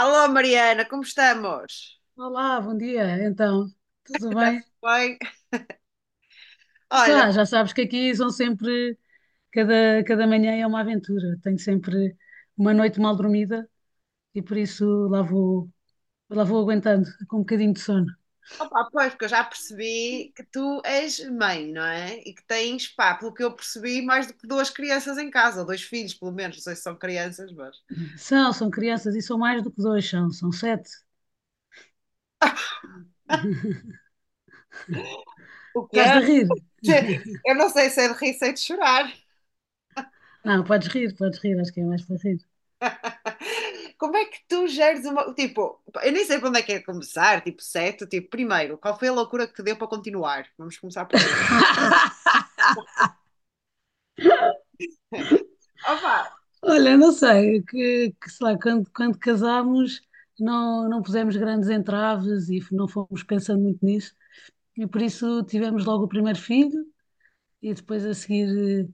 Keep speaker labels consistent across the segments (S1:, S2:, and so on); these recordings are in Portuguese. S1: Alô Mariana, como estamos?
S2: Olá, bom dia. Tudo bem?
S1: Bem, olha,
S2: Tá, já sabes que aqui são sempre, cada manhã é uma aventura. Tenho sempre uma noite mal dormida e por isso lá vou aguentando com um bocadinho de sono.
S1: opa, pois, porque eu já percebi que tu és mãe, não é? E que tens, pá, pelo que eu percebi, mais do que duas crianças em casa, ou dois filhos, pelo menos, não sei se são crianças, mas.
S2: São crianças e são mais do que dois, são sete.
S1: O que
S2: Estás
S1: é?
S2: de rir?
S1: Eu não sei se é de rir, se é de chorar.
S2: Não, podes rir, acho que é mais para rir.
S1: Como é que tu geres uma. Tipo, eu nem sei por onde é que é começar, tipo, certo? Tipo, primeiro, qual foi a loucura que te deu para continuar? Vamos começar por aí. Opa!
S2: Olha, não sei, que sei lá, quando casámos não pusemos grandes entraves e não fomos pensando muito nisso, e por isso tivemos logo o primeiro filho, e depois a seguir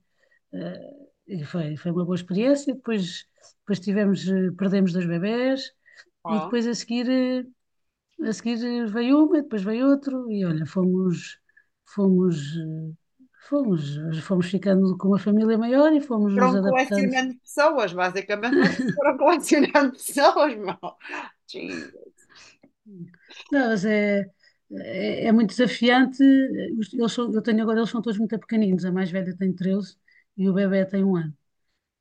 S2: e foi uma boa experiência. Depois tivemos, perdemos dois bebés e depois a seguir, a seguir veio uma, e depois veio outro e olha, fomos, eh, fomos, fomos ficando com uma família maior e fomos nos
S1: Foram
S2: adaptando.
S1: colecionando pessoas, basicamente vocês foram colecionando pessoas, meu. Jesus.
S2: Não, é muito desafiante. Eles são, eu tenho agora, eles são todos muito pequeninos. A mais velha tem 13 e o bebé tem um ano.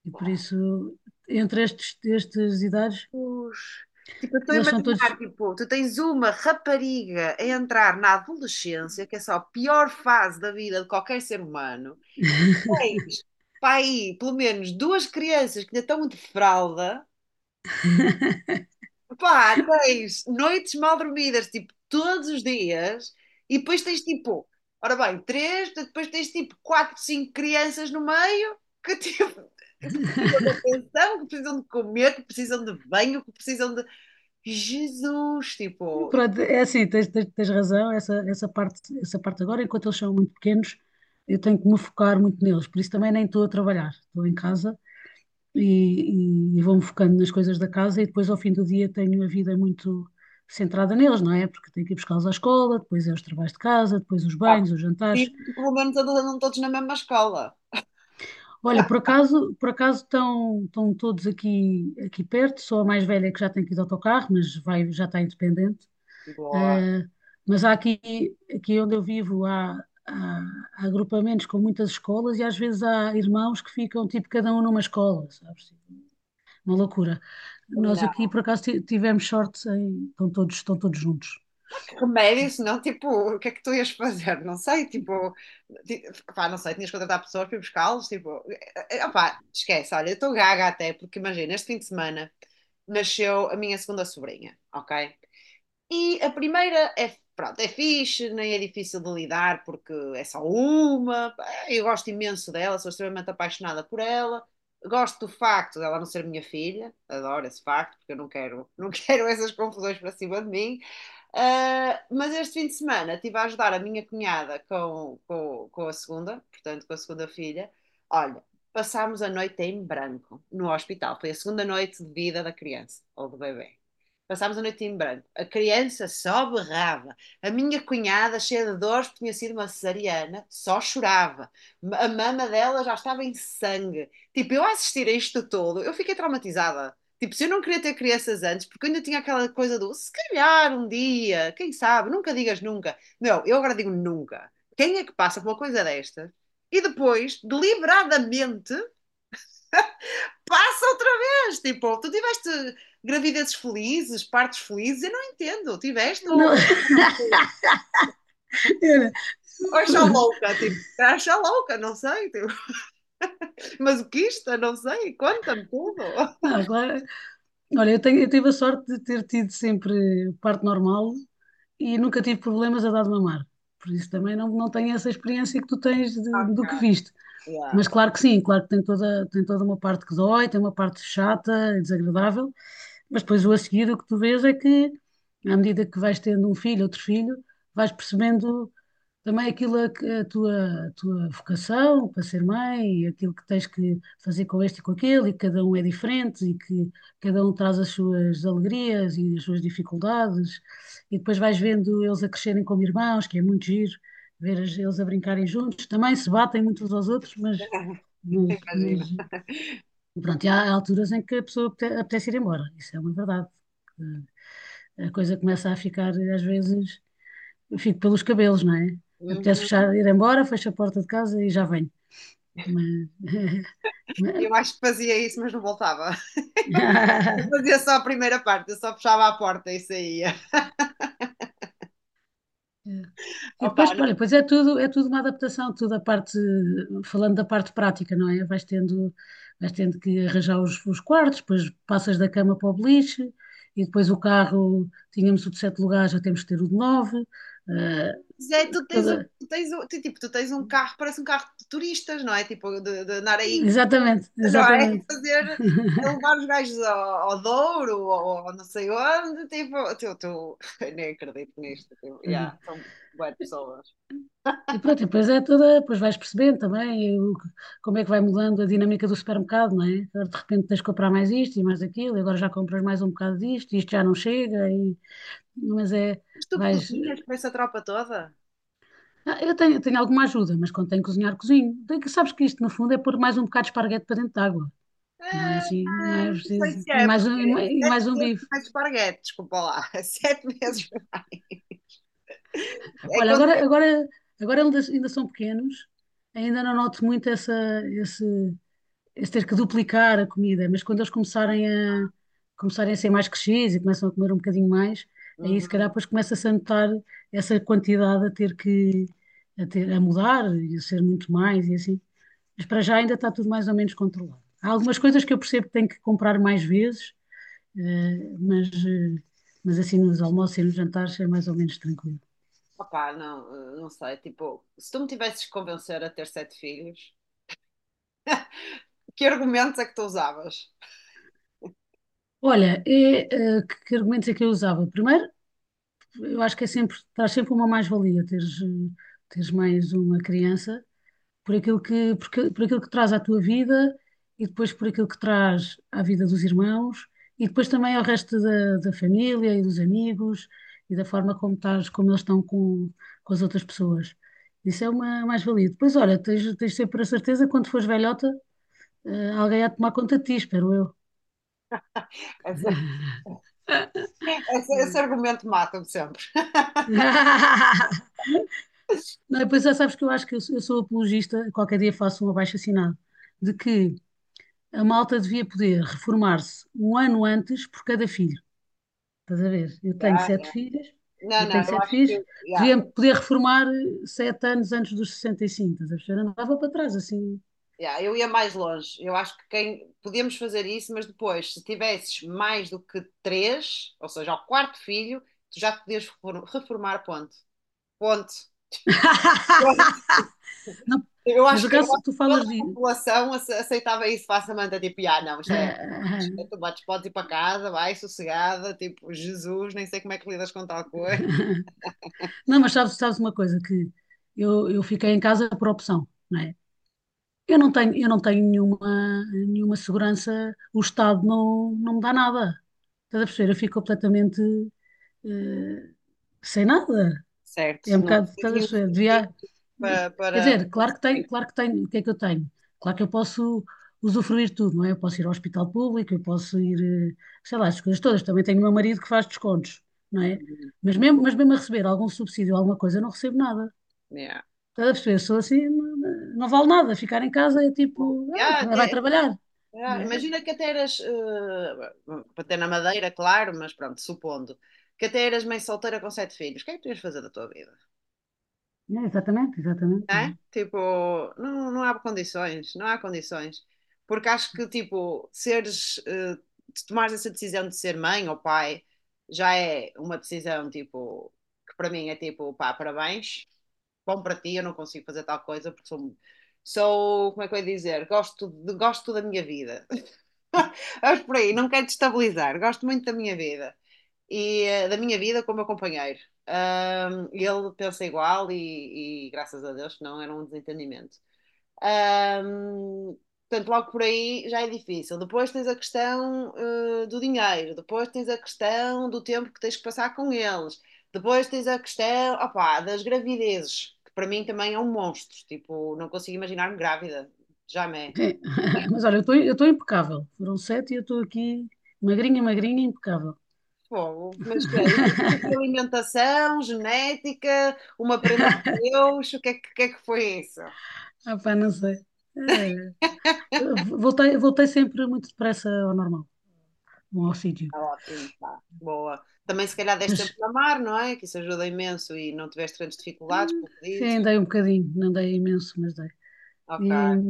S2: E por isso, entre estes, estas idades,
S1: Tipo, eu estou a
S2: eles são todos.
S1: imaginar, tipo, tu tens uma rapariga a entrar na adolescência, que é só a pior fase da vida de qualquer ser humano. Tens, pá, aí, pelo menos duas crianças que ainda estão de fralda. Pá, tens noites mal dormidas, tipo, todos os dias, e depois tens tipo, ora bem, três, depois tens tipo quatro, cinco crianças no meio que, tipo, que precisam de atenção, que precisam de comer, que precisam de banho, que precisam de. Jesus, tipo, e,
S2: Pronto, é assim, tens razão, essa parte, essa parte agora, enquanto eles são muito pequenos, eu tenho que me focar muito neles, por isso também nem estou a trabalhar, estou em casa vou-me focando nas coisas da casa e depois ao fim do dia tenho a vida muito centrada neles, não é? Porque tenho que ir buscá-los à escola, depois é os trabalhos de casa, depois os
S1: pá,
S2: banhos, os jantares.
S1: preciso pelo menos eles andam todos na mesma escola.
S2: Olha, por acaso estão, estão todos aqui, aqui perto, sou a mais velha que já tem que ir de autocarro, mas vai, já está independente.
S1: Boa.
S2: Eh, mas há aqui onde eu vivo há- há agrupamentos com muitas escolas e às vezes há irmãos que ficam tipo cada um numa escola, sabes? Uma loucura. Nós aqui por acaso tivemos sorte em, estão todos juntos.
S1: Que remédio, senão, tipo, o que é que tu ias fazer? Não sei, tipo, ti- pá, não sei, tinhas que contratar pessoas para ir buscá-los, tipo, opá, esquece, olha, eu estou gaga até, porque imagina, este fim de semana nasceu a minha segunda sobrinha, ok? E a primeira é, pronto, é fixe, nem é difícil de lidar porque é só uma. Eu gosto imenso dela, sou extremamente apaixonada por ela. Gosto do facto dela não ser minha filha, adoro esse facto, porque eu não quero, não quero essas confusões para cima de mim. Ah, mas este fim de semana estive a ajudar a minha cunhada com a segunda, portanto, com a segunda filha. Olha, passámos a noite em branco no hospital. Foi a segunda noite de vida da criança ou do bebê. Passámos a noite em branco. A criança só berrava. A minha cunhada, cheia de dores, porque tinha sido uma cesariana, só chorava. A mama dela já estava em sangue. Tipo, eu a assistir a isto todo, eu fiquei traumatizada. Tipo, se eu não queria ter crianças antes, porque eu ainda tinha aquela coisa do se calhar um dia, quem sabe, nunca digas nunca. Não, eu agora digo nunca. Quem é que passa por uma coisa destas e depois, deliberadamente, passa outra vez? Tipo, tu tiveste gravidezes felizes, partos felizes, eu não entendo. Tiveste
S2: Não,
S1: ou,
S2: Era-
S1: ou achar louca, tipo, achar louca, não sei. Tipo, mas o que isto, não sei, conta-me tudo.
S2: não, claro. Olha, eu tenho, eu tive a sorte de ter tido sempre parto normal e nunca tive problemas a dar de mamar. Por isso também não tenho essa experiência que tu tens
S1: Ok.
S2: do que viste.
S1: Yeah.
S2: Mas claro que sim, claro que tem toda uma parte que dói, tem uma parte chata e desagradável, mas depois o a seguir o que tu vês é que, à medida que vais tendo um filho, outro filho, vais percebendo também a tua vocação para ser mãe, e aquilo que tens que fazer com este e com aquele, e que cada um é diferente, e que cada um traz as suas alegrias e as suas dificuldades, e depois vais vendo eles a crescerem como irmãos, que é muito giro ver eles a brincarem juntos. Também se batem muitos aos outros, mas
S1: Imagina.
S2: pronto, e há alturas em que a pessoa apetece ir embora, isso é uma verdade. A coisa começa a ficar, às vezes, eu fico pelos cabelos, não é? Apetece
S1: Uhum.
S2: fechar, ir embora, fecho a porta de casa e já venho. Mas- mas-
S1: Eu acho que fazia isso, mas não voltava. Eu fazia só a primeira parte, eu só fechava a porta e saía.
S2: E
S1: Opa,
S2: depois,
S1: não.
S2: olha, pois é tudo uma adaptação, tudo a parte, falando da parte prática, não é? Vais tendo que arranjar os quartos, depois passas da cama para o beliche, e depois o carro, tínhamos o de sete lugares, já temos que ter o de nove. eh,
S1: Mas é, tu tens um,
S2: toda-
S1: tu tens um, tu, tipo, tu tens um carro, parece um carro de turistas, não é? Tipo, de andar aí
S2: exatamente,
S1: não é?
S2: exatamente.
S1: Fazer, a levar os gajos ao, ao Douro ou ao não sei onde, tipo, eu tu, eu nem acredito nisto, tipo, yeah, são boas pessoas.
S2: E pronto, e depois é toda, depois vais percebendo também como é que vai mudando a dinâmica do supermercado, não é? Agora de repente tens que comprar mais isto e mais aquilo, e agora já compras mais um bocado disto, e isto já não chega, mas é,
S1: Mas tu
S2: vais...
S1: cozinhas para essa tropa toda?
S2: Ah, tenho alguma ajuda, mas quando tenho que cozinhar, cozinho. Sabes que isto, no fundo, é pôr mais um bocado de esparguete para dentro de água. Não é
S1: Ah,
S2: assim, não
S1: ah,
S2: é
S1: não sei
S2: preciso.
S1: se
S2: E
S1: é,
S2: mais
S1: porque
S2: um, e
S1: é
S2: mais
S1: sete
S2: um
S1: vezes
S2: bife.
S1: mais esparguete, desculpa lá, é sete vezes mais. É
S2: Olha,
S1: quando...
S2: agora eles ainda são pequenos, ainda não noto muito esse, esse ter que duplicar a comida, mas quando eles começarem a ser mais crescidos e começam a comer um bocadinho mais, aí se calhar
S1: Uhum.
S2: depois começa-se a notar essa quantidade a ter, a mudar e a ser muito mais e assim. Mas para já ainda está tudo mais ou menos controlado. Há algumas coisas que eu percebo que tenho que comprar mais vezes, eh, mas, eh, mas assim nos almoços e nos jantares é mais ou menos tranquilo.
S1: Opá, não, não sei, tipo, se tu me tivesses que convencer a ter sete filhos, que argumentos é que tu usavas?
S2: Olha, que argumentos é que eu usava? Primeiro, eu acho que é sempre, traz sempre uma mais-valia teres, teres mais uma criança por aquilo que, por aquilo que traz à tua vida e depois por aquilo que traz à vida dos irmãos e depois também ao resto da família e dos amigos e da forma como estás, como eles estão com as outras pessoas. Isso é uma mais-valia. Depois, olha, tens sempre a certeza que quando fores velhota, alguém há de tomar conta de ti, espero eu.
S1: Esse, esse argumento mata-me sempre.
S2: Não, e depois já sabes que eu acho que eu sou apologista, qualquer dia faço um abaixo-assinado, de que a malta devia poder reformar-se um ano antes por cada filho. Estás a ver? Eu tenho
S1: Ya,
S2: sete
S1: ya.
S2: filhos,
S1: Não,
S2: eu
S1: não,
S2: tenho
S1: eu
S2: sete
S1: acho
S2: filhos,
S1: que ya,
S2: devia poder reformar sete anos antes dos 65, estás a ver? Eu andava para trás assim.
S1: ya, eu ia mais longe. Eu acho que quem podíamos fazer isso, mas depois, se tivesses mais do que três, ou seja, ao quarto filho, tu já te podias reformar, ponto. Ponto.
S2: Não,
S1: Eu
S2: mas
S1: acho
S2: no
S1: que, eu
S2: caso,
S1: acho que
S2: tu falas
S1: toda a
S2: de.
S1: população aceitava isso facilmente, tipo, ah, não, isto
S2: Ah,
S1: é,
S2: ah, ah.
S1: é tu bates, podes ir para casa, vai, sossegada, tipo, Jesus, nem sei como é que lidas com tal coisa.
S2: Não, mas sabes, sabes uma coisa, que eu fiquei em casa por opção, não é? Eu não tenho nenhuma segurança, o Estado não me dá nada. Estás a perceber? Eu fico completamente eh, sem nada.
S1: Certo,
S2: É um
S1: não
S2: bocado,
S1: tens
S2: estás a
S1: nenhum
S2: chover.
S1: sentido
S2: Devia,
S1: para,
S2: quer
S1: para...
S2: dizer,
S1: para-
S2: claro que tenho, o que é que eu tenho? Claro que eu posso usufruir de tudo, não é? Eu posso ir ao hospital público, eu posso ir, eh, sei lá, as coisas todas. Também tenho o meu marido que faz descontos, não é? Mas mesmo a receber algum subsídio, alguma coisa, eu não recebo nada.
S1: Yeah.
S2: Estás a perceber? Sou assim, não vale nada. Ficar em casa é tipo,
S1: Yeah,
S2: ah, vai
S1: até-
S2: trabalhar, não
S1: yeah,
S2: é?
S1: imagina que até eras, para ter na Madeira, claro, mas pronto, supondo, que até eras mãe solteira com sete filhos, o que é que tu ias fazer da tua vida?
S2: É, exatamente, exatamente.
S1: Né? Tipo, não, não há condições, não há condições. Porque acho que, tipo, seres, se tomares essa decisão de ser mãe ou pai, já é uma decisão, tipo, que para mim é tipo, pá, parabéns, bom para ti, eu não consigo fazer tal coisa porque sou, sou, como é que eu ia dizer, gosto, gosto da minha vida. Acho por aí, não quero destabilizar, gosto muito da minha vida e da minha vida com o meu companheiro. Ele pensa igual e graças a Deus que não era um desentendimento. Ahm, portanto, logo por aí já é difícil. Depois tens a questão, do dinheiro, depois tens a questão do tempo que tens que passar com eles, depois tens a questão, opá, das gravidezes, que para mim também é um monstro. Tipo, não consigo imaginar-me grávida, jamais.
S2: É. Mas olha, eu estou impecável. Foram sete e eu estou aqui magrinha, impecável.
S1: Fogo. Mas que é? Exercício, alimentação, genética, uma prenda de Deus, o que é que, o que é que foi isso?
S2: Ah, pá, não sei. Eh, voltei sempre muito depressa ao normal, ao sítio.
S1: Tá ótimo, tá. Boa. Também se calhar deste sempre
S2: Mas
S1: a mar, não é? Que isso ajuda imenso e não tiveste grandes
S2: eh,
S1: dificuldades, pelo que
S2: sim,
S1: dizes.
S2: andei um bocadinho, não andei imenso, mas dei. E,
S1: Ok.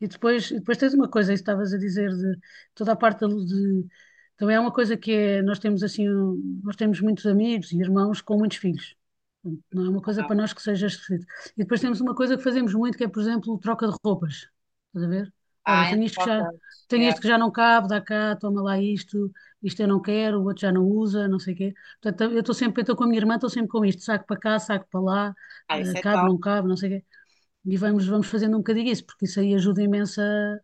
S2: e depois tens uma coisa, isso estavas a dizer, de toda a parte de- Também é uma coisa que é, nós temos muitos amigos e irmãos com muitos filhos. Portanto, não é uma coisa para nós que seja esquisito. E depois temos uma coisa que fazemos muito, que é, por exemplo, troca de roupas. Estás a ver? Olha,
S1: Ah, entre vocês.
S2: tenho
S1: Yeah.
S2: este que já não cabe, dá cá, toma lá isto, isto eu não quero, o outro já não usa, não sei o quê. Portanto, eu estou com a minha irmã, estou sempre com isto, saco para cá, saco para lá,
S1: Ah, isso é tal.
S2: cabe, não sei o quê. E vamos fazendo um bocadinho isso, porque isso aí ajuda imenso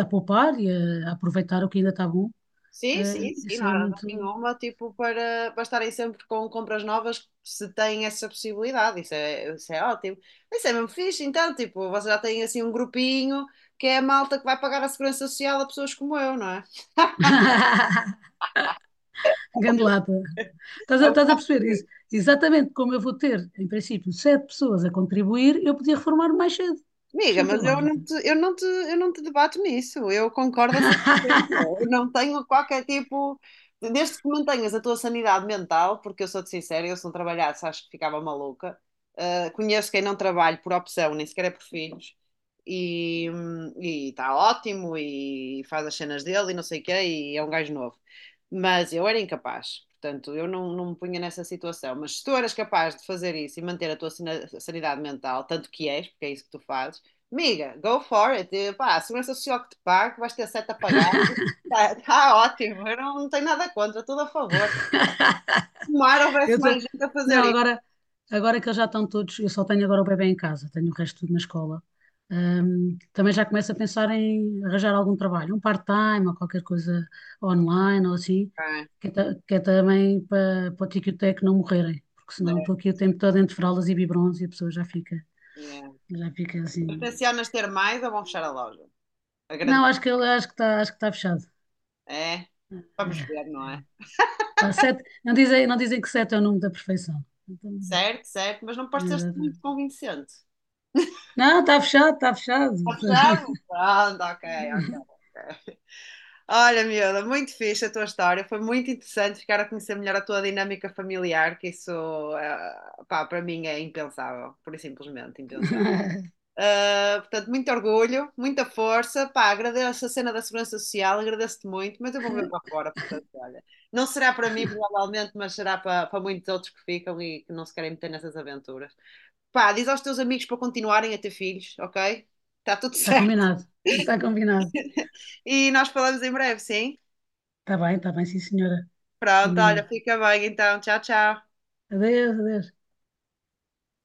S2: a poupar e a aproveitar o que ainda está bom.
S1: Sim,
S2: É,
S1: sim, sim,
S2: isso
S1: não há
S2: é
S1: razão
S2: muito.
S1: nenhuma, tipo, para, para estarem sempre com compras novas, se têm essa possibilidade, isso é ótimo. Isso é mesmo fixe, então, tipo, vocês já têm assim um grupinho que é a malta que vai pagar a segurança social a pessoas como eu, não é?
S2: Gandelada.
S1: É um
S2: Estás a
S1: bocado.
S2: perceber isso? Exatamente como eu vou ter, em princípio, sete pessoas a contribuir, eu podia reformar mais cedo. Isto
S1: Amiga,
S2: não tem
S1: mas eu
S2: lógica.
S1: não te, eu não te, eu não te debato nisso. Eu concordo a 100%. Eu não tenho qualquer tipo. Desde que mantenhas a tua sanidade mental, porque eu sou-te sincera, eu se não trabalhasse acho que ficava maluca. Conheço quem não trabalha por opção, nem sequer é por filhos, e está ótimo, e faz as cenas dele e não sei o quê, e é um gajo novo. Mas eu era incapaz, portanto, eu não, não me punha nessa situação. Mas se tu eras capaz de fazer isso e manter a tua sanidade mental, tanto que és, porque é isso que tu fazes, miga, go for it. E, pá, a segurança social que te pago, vais ter sete a pagar. Está tá ótimo. Eu não, não tenho nada contra, tudo a favor. Tomara houvesse
S2: Eu te-
S1: mais gente a fazer
S2: Não,
S1: isso.
S2: agora que eles já estão todos, eu só tenho agora o bebê em casa, tenho o resto tudo na escola. Também já começo a pensar em arranjar algum trabalho, um part-time ou qualquer coisa online ou assim,
S1: Ah,
S2: que é também para, para o tico-teco não morrerem, porque senão
S1: certo,
S2: estou aqui o tempo todo entre fraldas e biberons e a pessoa
S1: yeah.
S2: já fica
S1: Mas
S2: assim.
S1: tencionas ter mais ou vão fechar a loja? A
S2: Não,
S1: grande.
S2: acho que está fechado.
S1: É, vamos ver,
S2: É,
S1: não é?
S2: é. Pá, sete, não dizem que sete é o número da perfeição. Então,
S1: Certo, certo, mas não pareceste
S2: exato.
S1: muito convincente.
S2: Não, está fechado, está fechado.
S1: Está fechado? Pronto, ok, ok. Ok. Olha, miúda, muito fixe a tua história. Foi muito interessante ficar a conhecer melhor a tua dinâmica familiar, que isso, pá, para mim é impensável, por simplesmente impensável.
S2: Está
S1: Ah, portanto, muito orgulho, muita força. Pá, agradeço a cena da Segurança Social, agradeço-te muito, mas eu vou ver para fora, portanto, olha. Não será para mim, provavelmente, mas será para, para muitos outros que ficam e que não se querem meter nessas aventuras. Pá, diz aos teus amigos para continuarem a ter filhos, ok? Está tudo certo.
S2: combinado. Está combinado.
S1: E nós falamos em breve, sim?
S2: Está bem, sim, senhora.
S1: Pronto, olha,
S2: Combinado.
S1: fica bem então. Tchau, tchau.
S2: Adeus, adeus.